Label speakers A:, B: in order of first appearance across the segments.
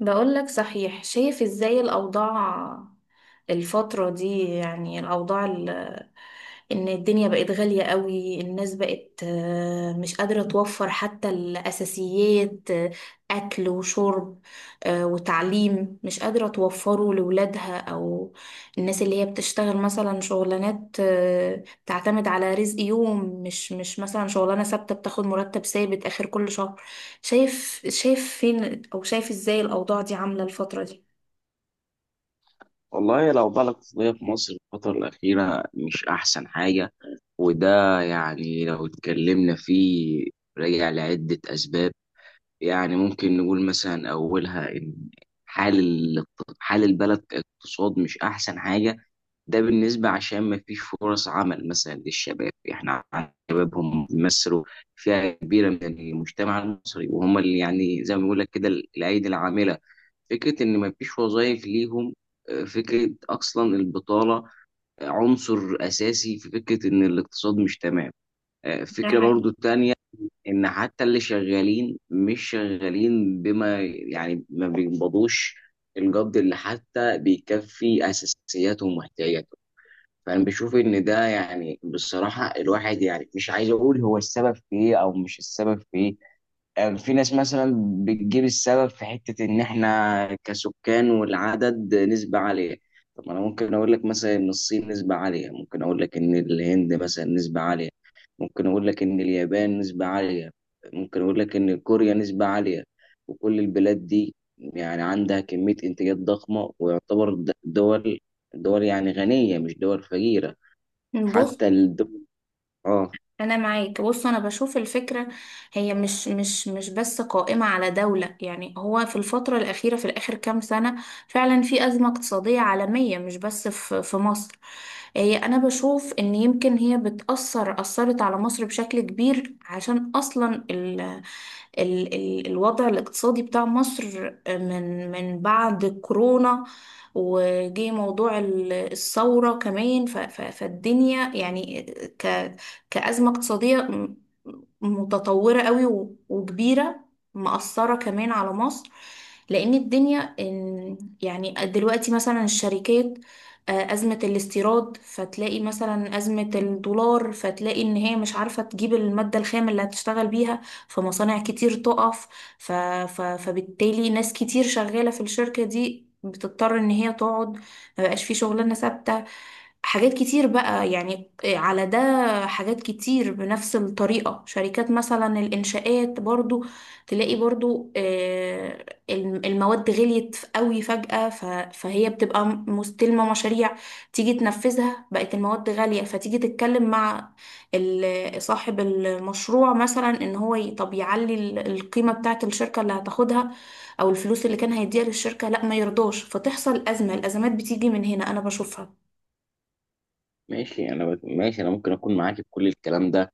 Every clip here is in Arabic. A: بقول لك، صحيح. شايف ازاي الأوضاع الفترة دي؟ يعني الأوضاع، ان الدنيا بقت غالية قوي. الناس بقت مش قادرة توفر حتى الأساسيات، أكل وشرب، وتعليم مش قادرة توفره لولادها، أو الناس اللي هي بتشتغل مثلا شغلانات، بتعتمد على رزق يوم، مش مثلا شغلانة ثابتة بتاخد مرتب ثابت آخر كل شهر. شايف فين، أو شايف إزاي الأوضاع دي عاملة الفترة دي؟
B: والله لو بقى الاقتصادية في مصر الفترة الأخيرة مش أحسن حاجة. وده يعني لو اتكلمنا فيه راجع لعدة أسباب. يعني ممكن نقول مثلا أولها إن حال ال- حال البلد كاقتصاد مش أحسن حاجة. ده بالنسبة عشان ما فيش فرص عمل مثلا للشباب، احنا عندنا شبابهم بيمثلوا فئة كبيرة من المجتمع المصري، وهم اللي يعني زي ما بيقول لك كده الأيدي العاملة. فكرة إن ما فيش وظائف ليهم، فكرة أصلا البطالة، عنصر أساسي في فكرة إن الاقتصاد مش تمام.
A: ده
B: فكرة
A: حقيقي.
B: برضو تانية، إن حتى اللي شغالين مش شغالين بما يعني ما بيقبضوش الجد اللي حتى بيكفي أساسياتهم واحتياجاتهم. فانا بشوف ان ده يعني بصراحه الواحد يعني مش عايز اقول هو السبب في ايه او مش السبب في ايه. يعني في ناس مثلا بتجيب السبب في حته ان احنا كسكان والعدد نسبه عاليه. طب ما انا ممكن اقول لك مثلا ان الصين نسبه عاليه، ممكن اقول لك ان الهند مثلا نسبه عاليه، ممكن اقول لك ان اليابان نسبه عاليه، ممكن اقول لك ان كوريا نسبه عاليه. وكل البلاد دي يعني عندها كميه انتاجات ضخمه، ويعتبر دول يعني غنيه مش دول فقيره، حتى
A: بص،
B: الدول. اه
A: انا معاك. بص، انا بشوف الفكره. هي مش بس قائمه على دوله، يعني هو في الفتره الاخيره، في الاخر كام سنه، فعلا في ازمه اقتصاديه عالميه، مش بس في مصر. هي انا بشوف ان يمكن هي بتاثر، اثرت على مصر بشكل كبير، عشان اصلا ال الوضع الاقتصادي بتاع مصر من بعد كورونا، وجي موضوع الثورة كمان، فالدنيا يعني كأزمة اقتصادية متطورة قوي وكبيرة، مأثرة كمان على مصر. لأن الدنيا يعني دلوقتي مثلا الشركات، أزمة الاستيراد، فتلاقي مثلا أزمة الدولار، فتلاقي إن هي مش عارفة تجيب المادة الخام اللي هتشتغل بيها، فمصانع كتير تقف. فبالتالي ناس كتير شغالة في الشركة دي بتضطر إن هي تقعد، مبقاش في شغلانة ثابتة، حاجات كتير بقى يعني على ده. حاجات كتير بنفس الطريقة، شركات مثلا الإنشاءات برضو، تلاقي برضو المواد غليت قوي فجأة، فهي بتبقى مستلمة مشاريع، تيجي تنفذها بقت المواد غالية، فتيجي تتكلم مع صاحب المشروع مثلا ان هو، طب يعلي القيمة بتاعة الشركة اللي هتاخدها، او الفلوس اللي كان هيديها للشركة، لا ما يرضاش، فتحصل أزمة. الأزمات بتيجي من هنا أنا بشوفها.
B: ماشي، ماشي انا ممكن اكون معاك في كل الكلام ده.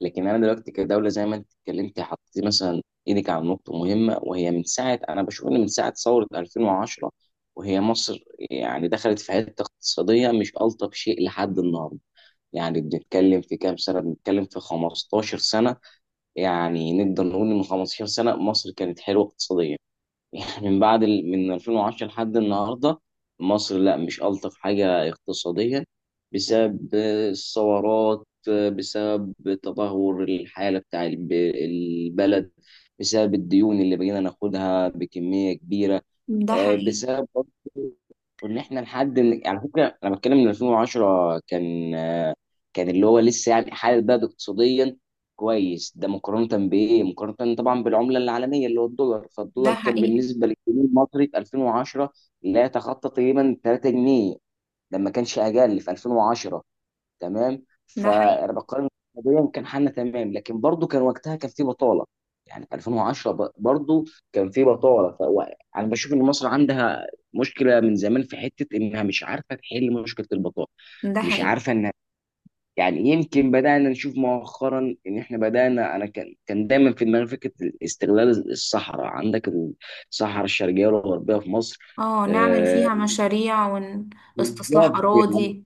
B: لكن انا دلوقتي كدوله زي ما انت اتكلمتي حطيتي مثلا ايدك على نقطه مهمه، وهي من ساعه انا بشوف ان من ساعه ثوره 2010 وهي مصر يعني دخلت في حته اقتصاديه مش الطف شيء لحد النهارده. يعني بنتكلم في كام سنة؟ بنتكلم في 15 سنة. يعني نقدر نقول إن من 15 سنة مصر كانت حلوة اقتصاديا. يعني من بعد من 2010 لحد النهارده مصر لا مش ألطف حاجة اقتصاديا. بسبب الثورات، بسبب تدهور الحالة بتاع البلد، بسبب الديون اللي بقينا ناخدها بكمية كبيرة،
A: ده حقيقي.
B: بسبب... وان احنا لحد على فكره انا بتكلم من 2010 كان اللي هو لسه يعني حال البلد اقتصاديا كويس. ده مقارنه بايه؟ مقارنه طبعا بالعمله العالميه اللي هو الدولار.
A: ده
B: فالدولار كان
A: حقيقي.
B: بالنسبه للجنيه المصري في 2010 لا يتخطى تقريبا 3 جنيه، ده ما كانش اقل في 2010، تمام.
A: ده حقيقي.
B: فانا بقارن قضيا كان حالنا تمام، لكن برضو كان وقتها كان في بطاله. يعني 2010 برضو كان في بطاله. فانا بشوف ان مصر عندها مشكله من زمان في حته انها مش عارفه تحل مشكله البطاله،
A: ده
B: مش
A: حقيقي.
B: عارفه انها... يعني يمكن بدانا نشوف مؤخرا ان احنا بدانا، انا كان دايما في دماغي فكره استغلال الصحراء عندك، الصحراء الشرقيه والغربيه في مصر.
A: اه، نعمل
B: آه،
A: فيها مشاريع. واستصلاح
B: بالظبط يعني.
A: أراضي.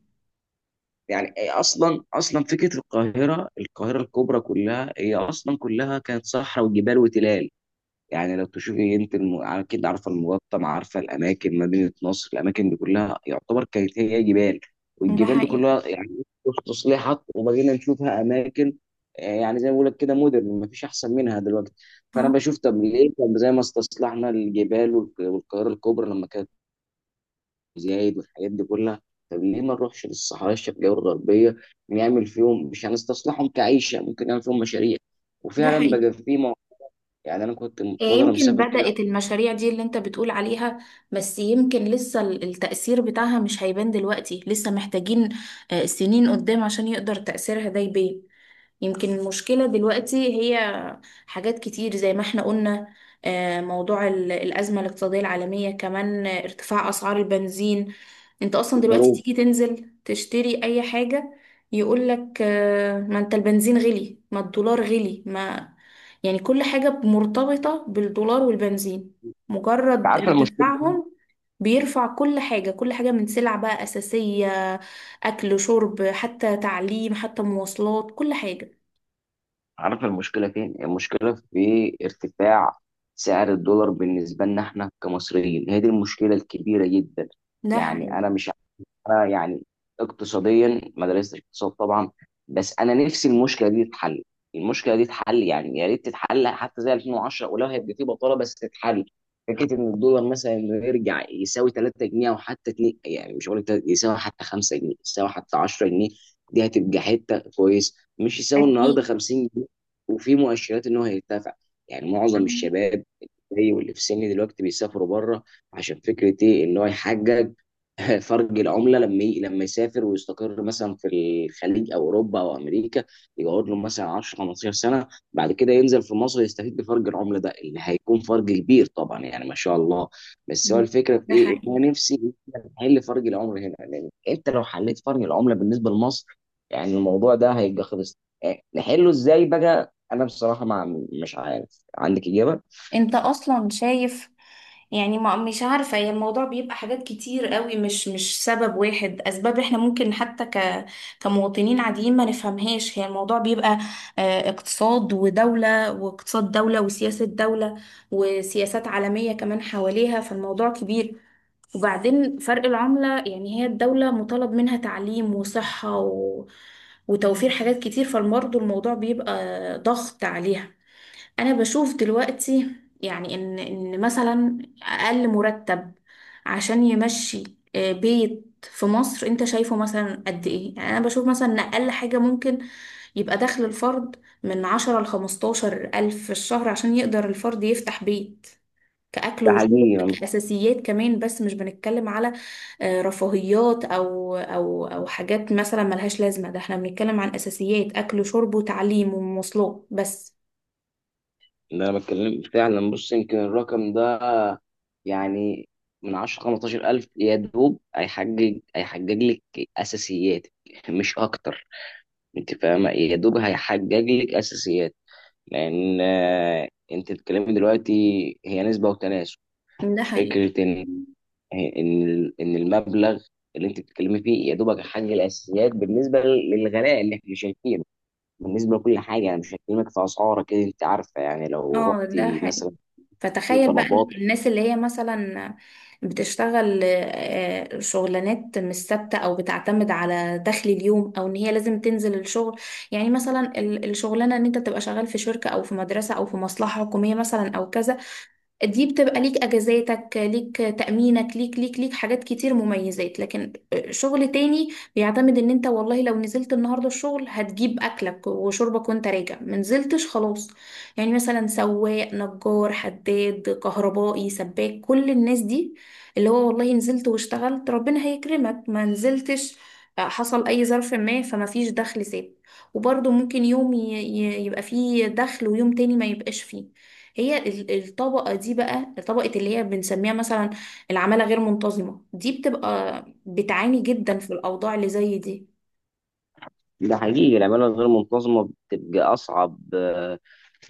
B: يعني إيه اصلا، اصلا فكره القاهره الكبرى كلها، هي اصلا كلها كانت صحراء وجبال وتلال. يعني لو تشوفي انت اكيد عارفه المقطم، عارفه الاماكن، مدينه نصر، الاماكن دي كلها يعتبر كانت هي جبال.
A: ده
B: والجبال دي
A: حقيقي.
B: كلها يعني تصليحات، وبقينا نشوفها اماكن، يعني زي ما بقول لك كده مودرن مفيش احسن منها دلوقتي. فانا
A: اه،
B: بشوف طب ليه، زي ما استصلحنا الجبال والقاهره الكبرى لما كانت زايد والحاجات دي كلها. طب ليه ما نروحش للصحراء الشرقية والغربية؟ نعمل فيهم، مش هنستصلحهم كعيشة، ممكن نعمل فيهم مشاريع.
A: ده
B: وفعلا
A: حقيقي.
B: بقى في يعني أنا كنت من فترة
A: يمكن
B: مسافر كده
A: بدأت المشاريع دي اللي انت بتقول عليها، بس يمكن لسه التأثير بتاعها مش هيبان دلوقتي، لسه محتاجين سنين قدام عشان يقدر تأثيرها ده يبان. يمكن المشكلة دلوقتي هي حاجات كتير زي ما احنا قلنا، موضوع الأزمة الاقتصادية العالمية كمان، ارتفاع أسعار البنزين. انت
B: في
A: أصلا دلوقتي
B: الغروب.
A: تيجي تنزل تشتري أي حاجة يقولك ما انت البنزين غلي، ما الدولار غلي، ما... يعني كل حاجة مرتبطة بالدولار والبنزين، مجرد
B: عارف المشكلة
A: ارتفاعهم بيرفع كل حاجة، كل حاجة من سلع بقى أساسية، أكل، شرب، حتى تعليم، حتى مواصلات، كل حاجة.
B: عارف المشكلة فين؟ المشكلة في ارتفاع سعر الدولار بالنسبة لنا احنا كمصريين، هي دي المشكلة الكبيرة جدا.
A: ده
B: يعني
A: حقيقي.
B: أنا مش انا يعني اقتصاديا ما درستش اقتصاد طبعا. بس انا نفسي المشكله دي تتحل، المشكله دي تتحل يعني، يا ريت تتحل حتى زي 2010 ولو هيبقى في بطاله بس تتحل. فكره ان الدولار مثلا إنه يرجع يساوي 3 جنيه، او حتى 2، يعني مش هقول لك يساوي حتى 5 جنيه، يساوي حتى 10 جنيه، دي هتبقى حته كويس، مش يساوي النهارده
A: أكيد.
B: 50 جنيه. وفي مؤشرات ان هو هيرتفع. يعني معظم الشباب زي واللي في سني دلوقتي بيسافروا بره، عشان فكره ايه؟ ان هو يحقق فرق العمله لما لما يسافر ويستقر مثلا في الخليج او اوروبا او امريكا. يقعد له مثلا 10 15 سنه، بعد كده ينزل في مصر يستفيد بفرق العمله ده، اللي هيكون فرق كبير طبعا يعني ما شاء الله. بس هو
A: مم.
B: الفكره في
A: ده
B: ايه؟ ان
A: حقيقي.
B: انا نفسي نحل فرق العمله هنا، لان انت لو حليت فرق العمله بالنسبه لمصر، يعني الموضوع ده هيبقى خلص. نحله ازاي بقى؟ انا بصراحه ما مش عارف، عندك اجابه؟
A: انت اصلا شايف. يعني ما مش عارفة، هي الموضوع بيبقى حاجات كتير قوي، مش سبب واحد، اسباب احنا ممكن حتى كمواطنين عاديين ما نفهمهاش. هي الموضوع بيبقى اقتصاد ودولة، واقتصاد دولة، وسياسة دولة، وسياسات عالمية كمان حواليها، فالموضوع كبير. وبعدين فرق العملة، يعني هي الدولة مطالب منها تعليم وصحة وتوفير حاجات كتير، فالمرضى الموضوع بيبقى ضغط عليها. انا بشوف دلوقتي يعني ان مثلا اقل مرتب عشان يمشي بيت في مصر، انت شايفه مثلا قد ايه؟ يعني انا بشوف مثلا ان اقل حاجة ممكن يبقى دخل الفرد من 10 لـ15 ألف في الشهر، عشان يقدر الفرد يفتح بيت، كأكل
B: ده
A: وشرب،
B: حقيقي
A: كأساسيات كمان، بس مش بنتكلم على رفاهيات، او حاجات مثلا ملهاش لازمة. ده احنا بنتكلم عن أساسيات أكل وشرب وتعليم ومواصلات بس.
B: اللي انا بتكلم فعلا. بص، يمكن الرقم ده يعني من 10 15 الف يا دوب هيحجج لك اساسياتك مش اكتر. انت فاهمه؟ يا دوب هيحجج لك اساسيات. لان انت بتتكلمي دلوقتي هي نسبه وتناسب.
A: ده حقيقي.
B: فكره ان ان المبلغ اللي انت بتتكلمي فيه يا دوبك هيحجج الاساسيات بالنسبه للغلاء اللي احنا شايفينه، بالنسبه لكل حاجه. انا مش هكلمك في اسعار كده، انت عارفه، يعني لو
A: اه، ده
B: رحتي
A: حقيقي.
B: مثلا في
A: فتخيل بقى
B: طلبات...
A: الناس اللي هي مثلا بتشتغل شغلانات مش ثابته، او بتعتمد على دخل اليوم، او ان هي لازم تنزل الشغل. يعني مثلا الشغلانه ان انت تبقى شغال في شركه، او في مدرسه، او في مصلحه حكوميه مثلا، او كذا، دي بتبقى ليك اجازاتك، ليك تأمينك، ليك حاجات كتير مميزات. لكن شغل تاني بيعتمد ان انت والله لو نزلت النهارده الشغل هتجيب اكلك وشربك وانت راجع، ما نزلتش خلاص. يعني مثلا سواق، نجار، حداد، كهربائي، سباك، كل الناس دي اللي هو والله نزلت واشتغلت ربنا هيكرمك، ما نزلتش حصل اي ظرف ما، فما فيش دخل ثابت. وبرضه ممكن يوم يبقى فيه دخل، ويوم تاني ما يبقاش فيه. هي الطبقة دي بقى، طبقة اللي هي بنسميها مثلا العمالة غير منتظمة، دي بتبقى بتعاني جدا في الأوضاع اللي زي دي.
B: ده حقيقي، العمالة الغير منتظمة بتبقى أصعب،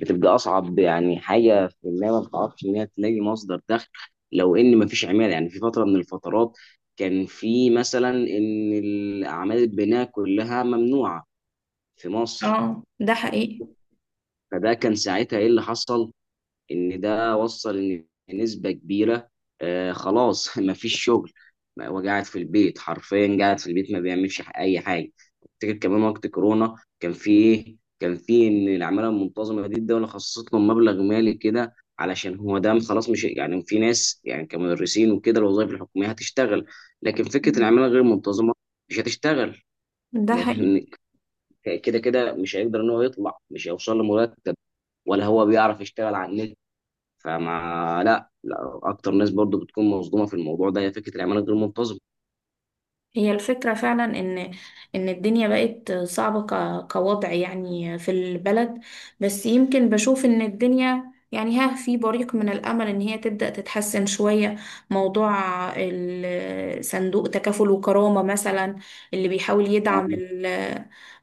B: بتبقى أصعب يعني حاجة، في إنها ما بتعرفش إنها تلاقي مصدر دخل. لو إن ما فيش عمالة، يعني في فترة من الفترات كان في مثلا إن الأعمال البناء كلها ممنوعة في مصر.
A: اه، ده حقيقي.
B: فده كان ساعتها إيه اللي حصل؟ ان ده وصل ان نسبه كبيره خلاص ما فيش شغل، وقاعد في البيت حرفيا، قاعد في البيت ما بيعملش اي حاجه. افتكر كمان وقت كورونا كان في ايه؟ كان في ان العماله المنتظمه دي الدوله خصصت لهم مبلغ مالي كده، علشان هو ده خلاص، مش يعني في ناس يعني كمدرسين وكده الوظائف الحكوميه هتشتغل. لكن فكره العماله غير المنتظمه مش هتشتغل،
A: ده حقيقي.
B: لان كده كده مش هيقدر ان هو يطلع، مش هيوصل لمرتب، ولا هو بيعرف يشتغل على النت. فما لا اكتر ناس برضو بتكون مصدومه في الموضوع ده، هي فكره العماله غير منتظمه.
A: هي الفكرة فعلا إن الدنيا بقت صعبة كوضع يعني في البلد، بس يمكن بشوف إن الدنيا يعني في بريق من الأمل إن هي تبدأ تتحسن شوية. موضوع صندوق تكافل وكرامة مثلا، اللي بيحاول
B: آه،
A: يدعم ال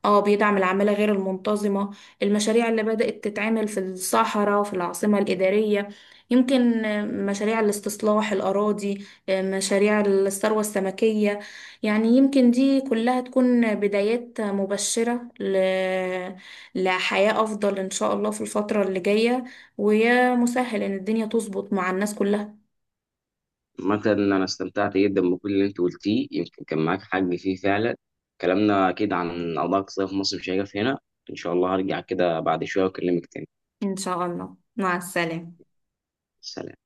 A: اه بيدعم العمالة غير المنتظمة، المشاريع اللي بدأت تتعمل في الصحراء، في العاصمة الإدارية، يمكن مشاريع الاستصلاح الأراضي، مشاريع الثروة السمكية. يعني يمكن دي كلها تكون بدايات مبشرة لحياة أفضل إن شاء الله في الفترة اللي جاية، ويا مسهل إن الدنيا تظبط مع الناس كلها.
B: مثلا انا استمتعت جدا بكل اللي انت قلتيه، يمكن كان معاك حق فيه فعلا. كلامنا اكيد عن قضايا اقتصادية في مصر مش هيقف هنا، ان شاء الله هرجع كده بعد شويه واكلمك تاني.
A: إن شاء الله، مع السلامة.
B: سلام.